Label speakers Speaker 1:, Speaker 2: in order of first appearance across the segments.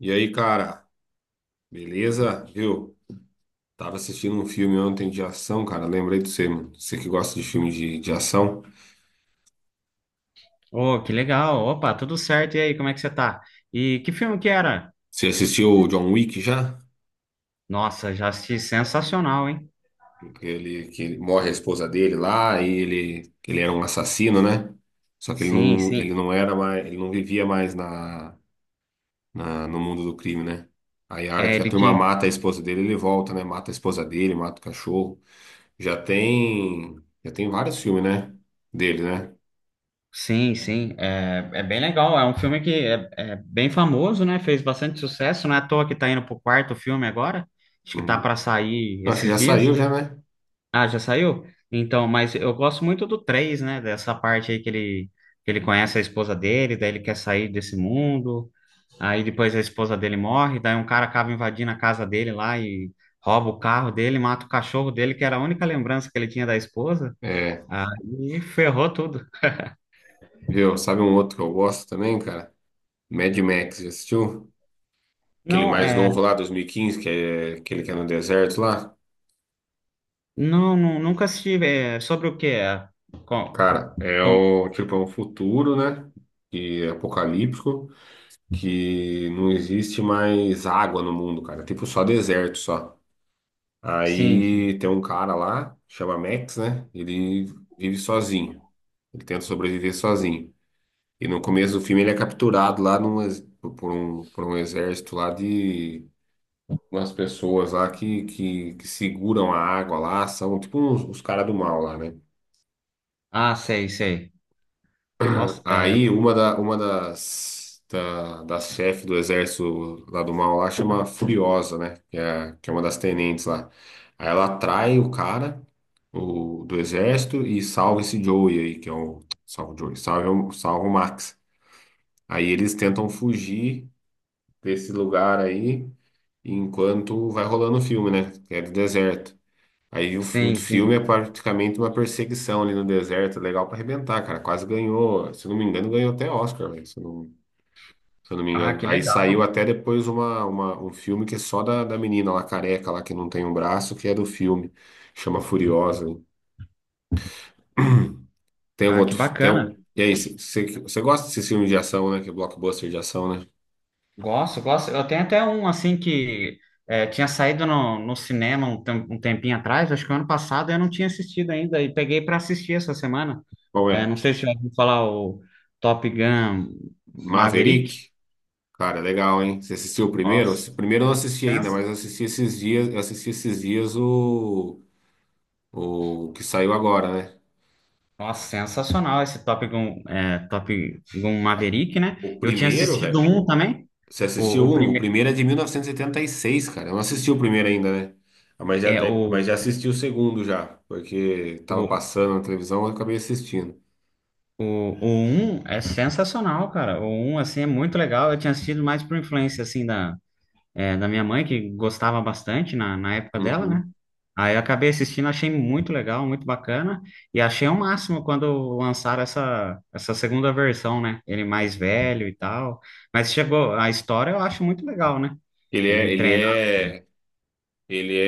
Speaker 1: E aí, cara, beleza? Viu? Tava assistindo um filme ontem de ação, cara. Lembrei de você, mano. Você que gosta de filme de ação.
Speaker 2: Oh, que legal. Opa, tudo certo. E aí, como é que você tá? E que filme que era?
Speaker 1: Você assistiu o John Wick já?
Speaker 2: Nossa, já assisti, sensacional, hein?
Speaker 1: Que morre a esposa dele lá e ele, que ele era um assassino, né? Só que
Speaker 2: Sim,
Speaker 1: ele
Speaker 2: sim.
Speaker 1: não era mais, ele não vivia mais no mundo do crime, né? Aí a hora
Speaker 2: É,
Speaker 1: que a
Speaker 2: ele
Speaker 1: turma
Speaker 2: tinha.
Speaker 1: mata a esposa dele, ele volta, né? Mata a esposa dele, mata o cachorro. Já tem vários filmes, né? Dele, né?
Speaker 2: Sim, sim. É, é bem legal. É um filme que é bem famoso, né? Fez bastante sucesso. Não é à toa que tá indo pro quarto filme agora. Acho que tá
Speaker 1: Uhum.
Speaker 2: para sair
Speaker 1: Então, acho que
Speaker 2: esses
Speaker 1: já
Speaker 2: dias.
Speaker 1: saiu já, né?
Speaker 2: Ah, já saiu? Então, mas eu gosto muito do três, né? Dessa parte aí que ele conhece a esposa dele, daí ele quer sair desse mundo. Aí depois a esposa dele morre, daí um cara acaba invadindo a casa dele lá e rouba o carro dele, mata o cachorro dele, que era a única lembrança que ele tinha da esposa.
Speaker 1: É,
Speaker 2: Aí ferrou tudo.
Speaker 1: viu? Sabe um outro que eu gosto também, cara? Mad Max, já assistiu? Aquele
Speaker 2: Não,
Speaker 1: mais
Speaker 2: é,
Speaker 1: novo lá, dois mil e quinze, que é aquele que é no deserto lá.
Speaker 2: nunca assisti. É, sobre o que é? Com,
Speaker 1: Cara, é
Speaker 2: com-
Speaker 1: o tipo, é um futuro, né? E apocalíptico, que não existe mais água no mundo, cara. É tipo, só deserto, só.
Speaker 2: sim.
Speaker 1: Aí tem um cara lá, chama Max, né? Ele vive sozinho. Ele tenta sobreviver sozinho. E no começo do filme ele é capturado lá por um exército lá de umas pessoas lá que seguram a água lá, são tipo uns, os caras do mal lá, né?
Speaker 2: Ah, sei, sei. Nossa, é,
Speaker 1: Aí uma, da, uma das, da, das chefes do exército lá do mal lá chama Furiosa, né? Que é uma das tenentes lá. Aí ela atrai do exército e salva esse Joey aí, que é o. Salva o Joey, salva o Max. Aí eles tentam fugir desse lugar aí enquanto vai rolando o filme, né? Que é do deserto. Aí o
Speaker 2: sim,
Speaker 1: filme é
Speaker 2: sim.
Speaker 1: praticamente uma perseguição ali no deserto, legal pra arrebentar, cara. Quase ganhou, se eu não me engano, ganhou até Oscar, velho, se eu não me
Speaker 2: Ah,
Speaker 1: engano.
Speaker 2: que
Speaker 1: Aí saiu
Speaker 2: legal.
Speaker 1: até depois um filme que é só da menina lá, careca lá, que não tem um braço, que é do filme. Chama Furiosa. Hein? Tem algum
Speaker 2: Ah, que
Speaker 1: outro. Fi- Tem
Speaker 2: bacana.
Speaker 1: um, e aí, você gosta desse filme de ação, né? Que é blockbuster de ação, né?
Speaker 2: Gosto, gosto. Eu tenho até um assim que é, tinha saído no cinema um tempinho atrás, acho que o ano passado eu não tinha assistido ainda e peguei para assistir essa semana.
Speaker 1: Qual
Speaker 2: É,
Speaker 1: é?
Speaker 2: não sei se já ouviu falar o Top Gun Maverick.
Speaker 1: Maverick? Cara, legal, hein? Você assistiu o primeiro?
Speaker 2: Nossa,
Speaker 1: Primeiro eu não assisti ainda, mas
Speaker 2: sens-
Speaker 1: eu assisti esses dias, eu assisti esses dias o. O que saiu agora, né?
Speaker 2: Nossa, sensacional esse Top Gun, é, Top Gun Maverick, né?
Speaker 1: O
Speaker 2: Eu tinha
Speaker 1: primeiro,
Speaker 2: assistido
Speaker 1: velho.
Speaker 2: um
Speaker 1: O-
Speaker 2: também,
Speaker 1: Você
Speaker 2: o,
Speaker 1: assistiu
Speaker 2: o
Speaker 1: um? O
Speaker 2: primeiro,
Speaker 1: primeiro é de 1986, cara. Eu não assisti o primeiro ainda, né? Ah, mas já,
Speaker 2: é o,
Speaker 1: mas já assisti o segundo já, porque tava
Speaker 2: o
Speaker 1: passando na televisão, eu acabei assistindo.
Speaker 2: o, o 1 é sensacional, cara. O um assim, é muito legal. Eu tinha assistido mais por influência, assim, da, é, da minha mãe, que gostava bastante na época dela, né?
Speaker 1: Uhum.
Speaker 2: Aí eu acabei assistindo, achei muito legal, muito bacana, e achei o máximo quando lançaram essa segunda versão, né? Ele mais velho e tal. Mas chegou, a história eu acho muito legal, né?
Speaker 1: Ele
Speaker 2: Ele
Speaker 1: é, ele
Speaker 2: treina.
Speaker 1: é, ele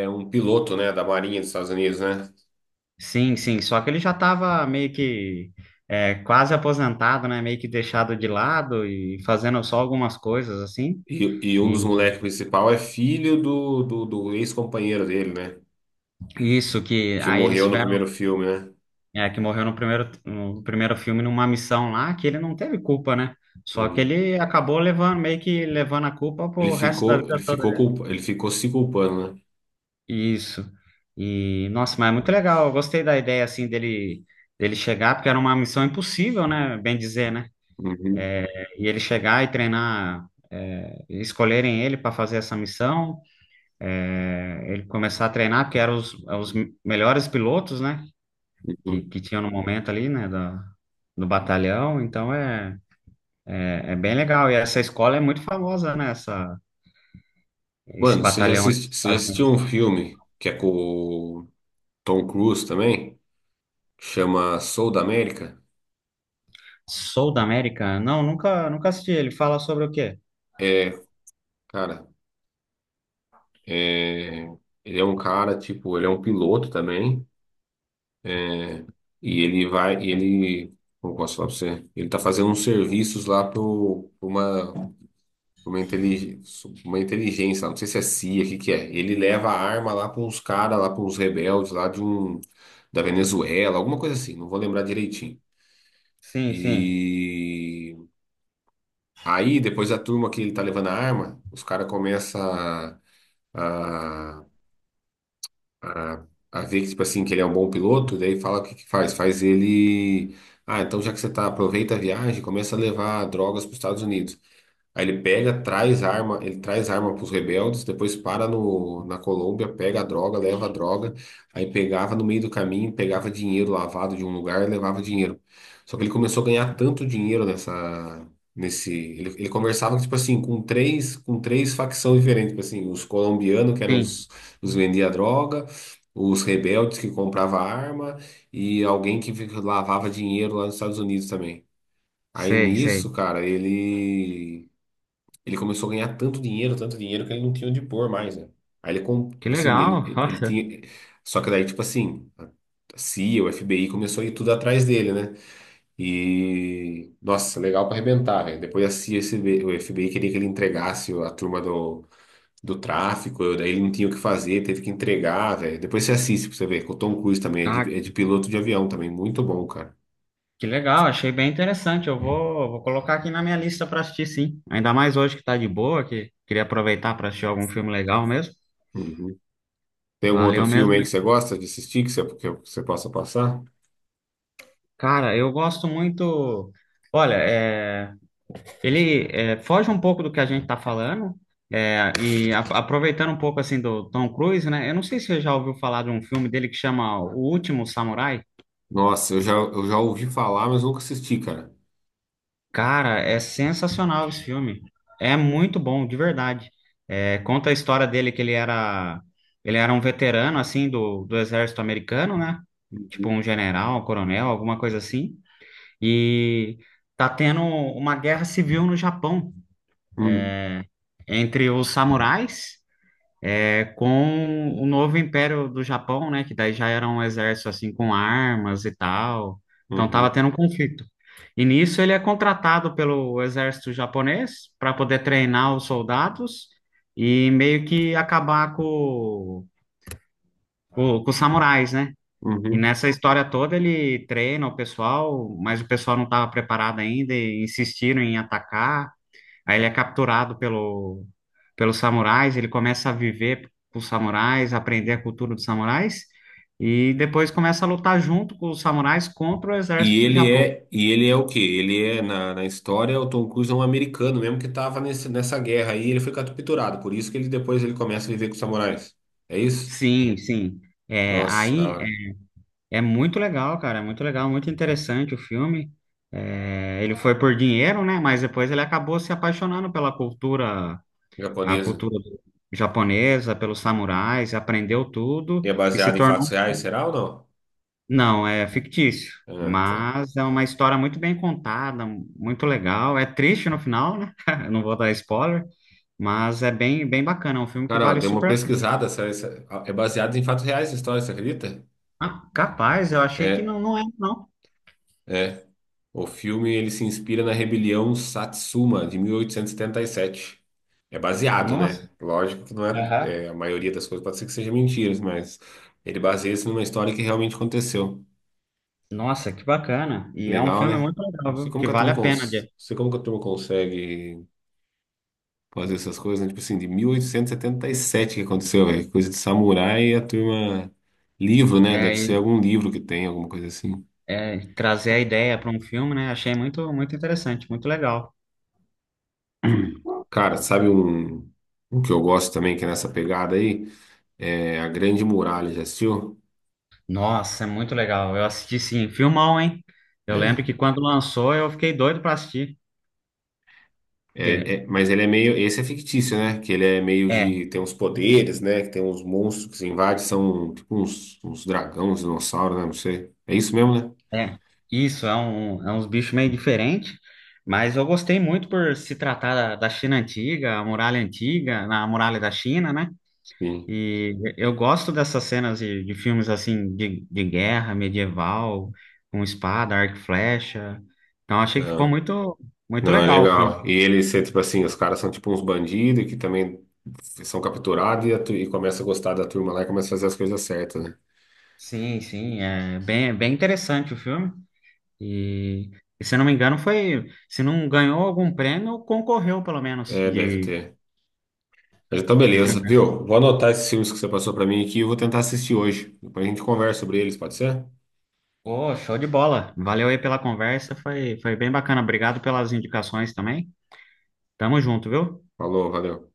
Speaker 1: é um piloto, né, da Marinha dos Estados Unidos, né?
Speaker 2: Sim, sim, só que ele já estava meio que é, quase aposentado, né? Meio que deixado de lado e fazendo só algumas coisas assim.
Speaker 1: E um dos
Speaker 2: E
Speaker 1: moleques principal é filho do ex-companheiro dele, né?
Speaker 2: isso que
Speaker 1: Que
Speaker 2: aí eles
Speaker 1: morreu no
Speaker 2: tiveram.
Speaker 1: primeiro filme, né?
Speaker 2: É, que morreu no primeiro, no primeiro filme numa missão lá que ele não teve culpa, né? Só que
Speaker 1: Entendi.
Speaker 2: ele acabou levando, meio que levando a culpa pro resto da vida toda dele.
Speaker 1: Ele ficou se culpando, né?
Speaker 2: Isso. E, nossa, mas é muito legal. Eu gostei da ideia, assim, dele, dele chegar, porque era uma missão impossível, né? Bem dizer, né?
Speaker 1: Uhum.
Speaker 2: É, e ele chegar e treinar, é, escolherem ele para fazer essa missão, é, ele começar a treinar, porque eram os melhores pilotos, né? que,
Speaker 1: Uhum.
Speaker 2: que tinha no momento ali, né, da, do batalhão, então é bem legal. E essa escola é muito famosa, né, essa, esse
Speaker 1: Mano,
Speaker 2: batalhão aí dos
Speaker 1: você já
Speaker 2: Estados
Speaker 1: assistiu um
Speaker 2: Unidos.
Speaker 1: filme que é com o Tom Cruise também? Chama Soul da América?
Speaker 2: Sul da América? Não, nunca, nunca assisti. Ele fala sobre o quê?
Speaker 1: É, cara, é, ele é um cara, tipo, ele é um piloto também, né? E ele vai, e ele, como eu posso falar pra você? Ele tá fazendo uns serviços lá pra uma, intelig, uma inteligência, não sei se é CIA, o que que é. Ele leva a arma lá pra uns caras, lá pra uns rebeldes lá de um, da Venezuela, alguma coisa assim, não vou lembrar direitinho.
Speaker 2: Sim, sim,
Speaker 1: E aí, depois da turma que ele tá levando a arma, os caras começam a, a, a ver que, tipo assim, que ele é um bom piloto, daí fala o que que faz? Faz ele. Ah, então já que você tá, aproveita a viagem, começa a levar drogas para os Estados Unidos. Aí ele pega, traz arma, ele traz arma para os rebeldes, depois para no, na Colômbia, pega a droga, leva a droga, aí pegava no meio do caminho, pegava dinheiro lavado de um lugar, e levava dinheiro. Só que ele começou a ganhar tanto dinheiro ele conversava tipo assim com três facções diferentes, tipo assim, os colombianos que eram
Speaker 2: sim,
Speaker 1: os vendia droga, os rebeldes que comprava arma e alguém que lavava dinheiro lá nos Estados Unidos também. Aí
Speaker 2: sei, sei.
Speaker 1: nisso, cara, ele começou a ganhar tanto dinheiro, que ele não tinha onde pôr mais, né? Aí ele,
Speaker 2: Que legal,
Speaker 1: ele
Speaker 2: olha.
Speaker 1: tinha. Só que daí, tipo assim, a CIA, o FBI começou a ir tudo atrás dele, né? E. Nossa, legal pra arrebentar, velho. Depois a CIA, o FBI queria que ele entregasse a turma do tráfico, daí ele não tinha o que fazer, teve que entregar, velho. Depois você assiste pra você ver, que o Tom Cruise também
Speaker 2: Ah,
Speaker 1: é de piloto de avião também, muito bom, cara.
Speaker 2: que legal, achei bem interessante. Eu vou, vou colocar aqui na minha lista para assistir, sim. Ainda mais hoje que tá de boa, que queria aproveitar para assistir algum filme legal mesmo.
Speaker 1: Uhum. Tem algum outro
Speaker 2: Valeu
Speaker 1: filme
Speaker 2: mesmo.
Speaker 1: aí que você gosta de assistir, que você possa passar?
Speaker 2: Cara, eu gosto muito. Olha, é, Ele é, foge um pouco do que a gente está falando, é, aproveitando um pouco assim do Tom Cruise, né? Eu não sei se você já ouviu falar de um filme dele que chama O Último Samurai.
Speaker 1: Nossa, eu já ouvi falar, mas nunca assisti, cara.
Speaker 2: Cara, é sensacional esse filme. É muito bom, de verdade. É, conta a história dele que ele era um veterano assim do exército americano, né? Tipo
Speaker 1: Uhum.
Speaker 2: um general, um coronel, alguma coisa assim. E tá tendo uma guerra civil no Japão
Speaker 1: Hum,
Speaker 2: entre os samurais. É com o novo império do Japão, né? Que daí já era um exército assim com armas e tal. Então tava
Speaker 1: uhum,
Speaker 2: tendo um conflito. E nisso ele é contratado pelo exército japonês para poder treinar os soldados e meio que acabar com os samurais, né? E
Speaker 1: uhum.
Speaker 2: nessa história toda ele treina o pessoal, mas o pessoal não estava preparado ainda e insistiram em atacar. Aí ele é capturado pelo, pelos samurais, ele começa a viver com os samurais, aprender a cultura dos samurais, e depois começa a lutar junto com os samurais contra o exército do Japão.
Speaker 1: E ele é o quê? Ele é na história, o Tom Cruise é um americano mesmo que tava nessa guerra aí, ele foi capturado, por isso que ele começa a viver com os samurais. É isso?
Speaker 2: Sim, sim. É,
Speaker 1: Nossa, da
Speaker 2: aí
Speaker 1: hora.
Speaker 2: é, é muito legal, cara, é muito legal, muito interessante o filme. É, ele foi por dinheiro, né? Mas depois ele acabou se apaixonando pela cultura, a
Speaker 1: Japonesa.
Speaker 2: cultura japonesa, pelos samurais, aprendeu tudo
Speaker 1: E é
Speaker 2: e se
Speaker 1: baseado em
Speaker 2: tornou.
Speaker 1: fatos reais, será ou não?
Speaker 2: Não, é fictício,
Speaker 1: Ah, tá.
Speaker 2: mas é uma história muito bem contada, muito legal. É triste no final, né? Eu não vou dar spoiler, mas é bem, bem bacana. É um filme que
Speaker 1: Cara, ó,
Speaker 2: vale
Speaker 1: dei uma
Speaker 2: super a pena.
Speaker 1: pesquisada, é baseado em fatos reais a história, você acredita?
Speaker 2: Ah, capaz, eu achei que
Speaker 1: É.
Speaker 2: não, não é, não.
Speaker 1: É. O filme ele se inspira na Rebelião Satsuma de mil oitocentos e setenta e sete. É baseado,
Speaker 2: Nossa,
Speaker 1: né? Lógico que não é,
Speaker 2: aham,
Speaker 1: é, a maioria das coisas pode ser que seja mentiras, mas ele baseia-se numa história que realmente aconteceu.
Speaker 2: nossa, que bacana. E é um
Speaker 1: Legal,
Speaker 2: filme
Speaker 1: né?
Speaker 2: muito
Speaker 1: Não
Speaker 2: legal,
Speaker 1: sei
Speaker 2: viu?
Speaker 1: como
Speaker 2: Que
Speaker 1: que a
Speaker 2: vale
Speaker 1: turma
Speaker 2: a pena
Speaker 1: cons...
Speaker 2: de
Speaker 1: não sei como que a turma consegue fazer essas coisas, né? Tipo assim, de mil oitocentos e setenta e sete que aconteceu, velho. Coisa de samurai e a turma livro, né? Deve
Speaker 2: é,
Speaker 1: ser algum livro que tem, alguma coisa assim.
Speaker 2: é, trazer a ideia para um filme, né? Achei muito, muito interessante, muito legal.
Speaker 1: Cara, sabe um, um que eu gosto também, que é nessa pegada aí? É, a Grande Muralha, já assistiu?
Speaker 2: Nossa, é muito legal. Eu assisti, sim, filmão, hein? Eu lembro
Speaker 1: É.
Speaker 2: que quando lançou eu fiquei doido para assistir.
Speaker 1: É,
Speaker 2: Porque
Speaker 1: é, mas ele é meio. Esse é fictício, né? Que ele é meio
Speaker 2: é,
Speaker 1: de. Tem uns poderes, né? Que tem uns monstros que se invadem, são tipo uns, uns dragão, uns dinossauros, né? Não sei. É isso mesmo, né?
Speaker 2: é, isso, é, um, é uns bichos meio diferentes, mas eu gostei muito por se tratar da, da China antiga, a muralha antiga, na muralha da China, né?
Speaker 1: Sim.
Speaker 2: E eu gosto dessas cenas de filmes assim, de guerra medieval, com espada, arco e flecha. Então achei que ficou
Speaker 1: Não,
Speaker 2: muito, muito
Speaker 1: não, é
Speaker 2: legal o filme.
Speaker 1: legal. E eles são tipo assim, os caras são tipo uns bandidos que também são capturados e, e começa a gostar da turma lá e começa a fazer as coisas certas, né?
Speaker 2: Sim, sim, é bem, bem interessante o filme. E, e se eu não me engano, foi, se não ganhou algum prêmio, concorreu pelo menos
Speaker 1: É, deve ter. Mas então,
Speaker 2: de
Speaker 1: beleza,
Speaker 2: filme.
Speaker 1: viu? Vou anotar esses filmes que você passou pra mim aqui e eu vou tentar assistir hoje. Depois a gente conversa sobre eles, pode ser?
Speaker 2: Ô, show de bola. Valeu aí pela conversa, foi, foi bem bacana. Obrigado pelas indicações também. Tamo junto, viu?
Speaker 1: Falou, valeu.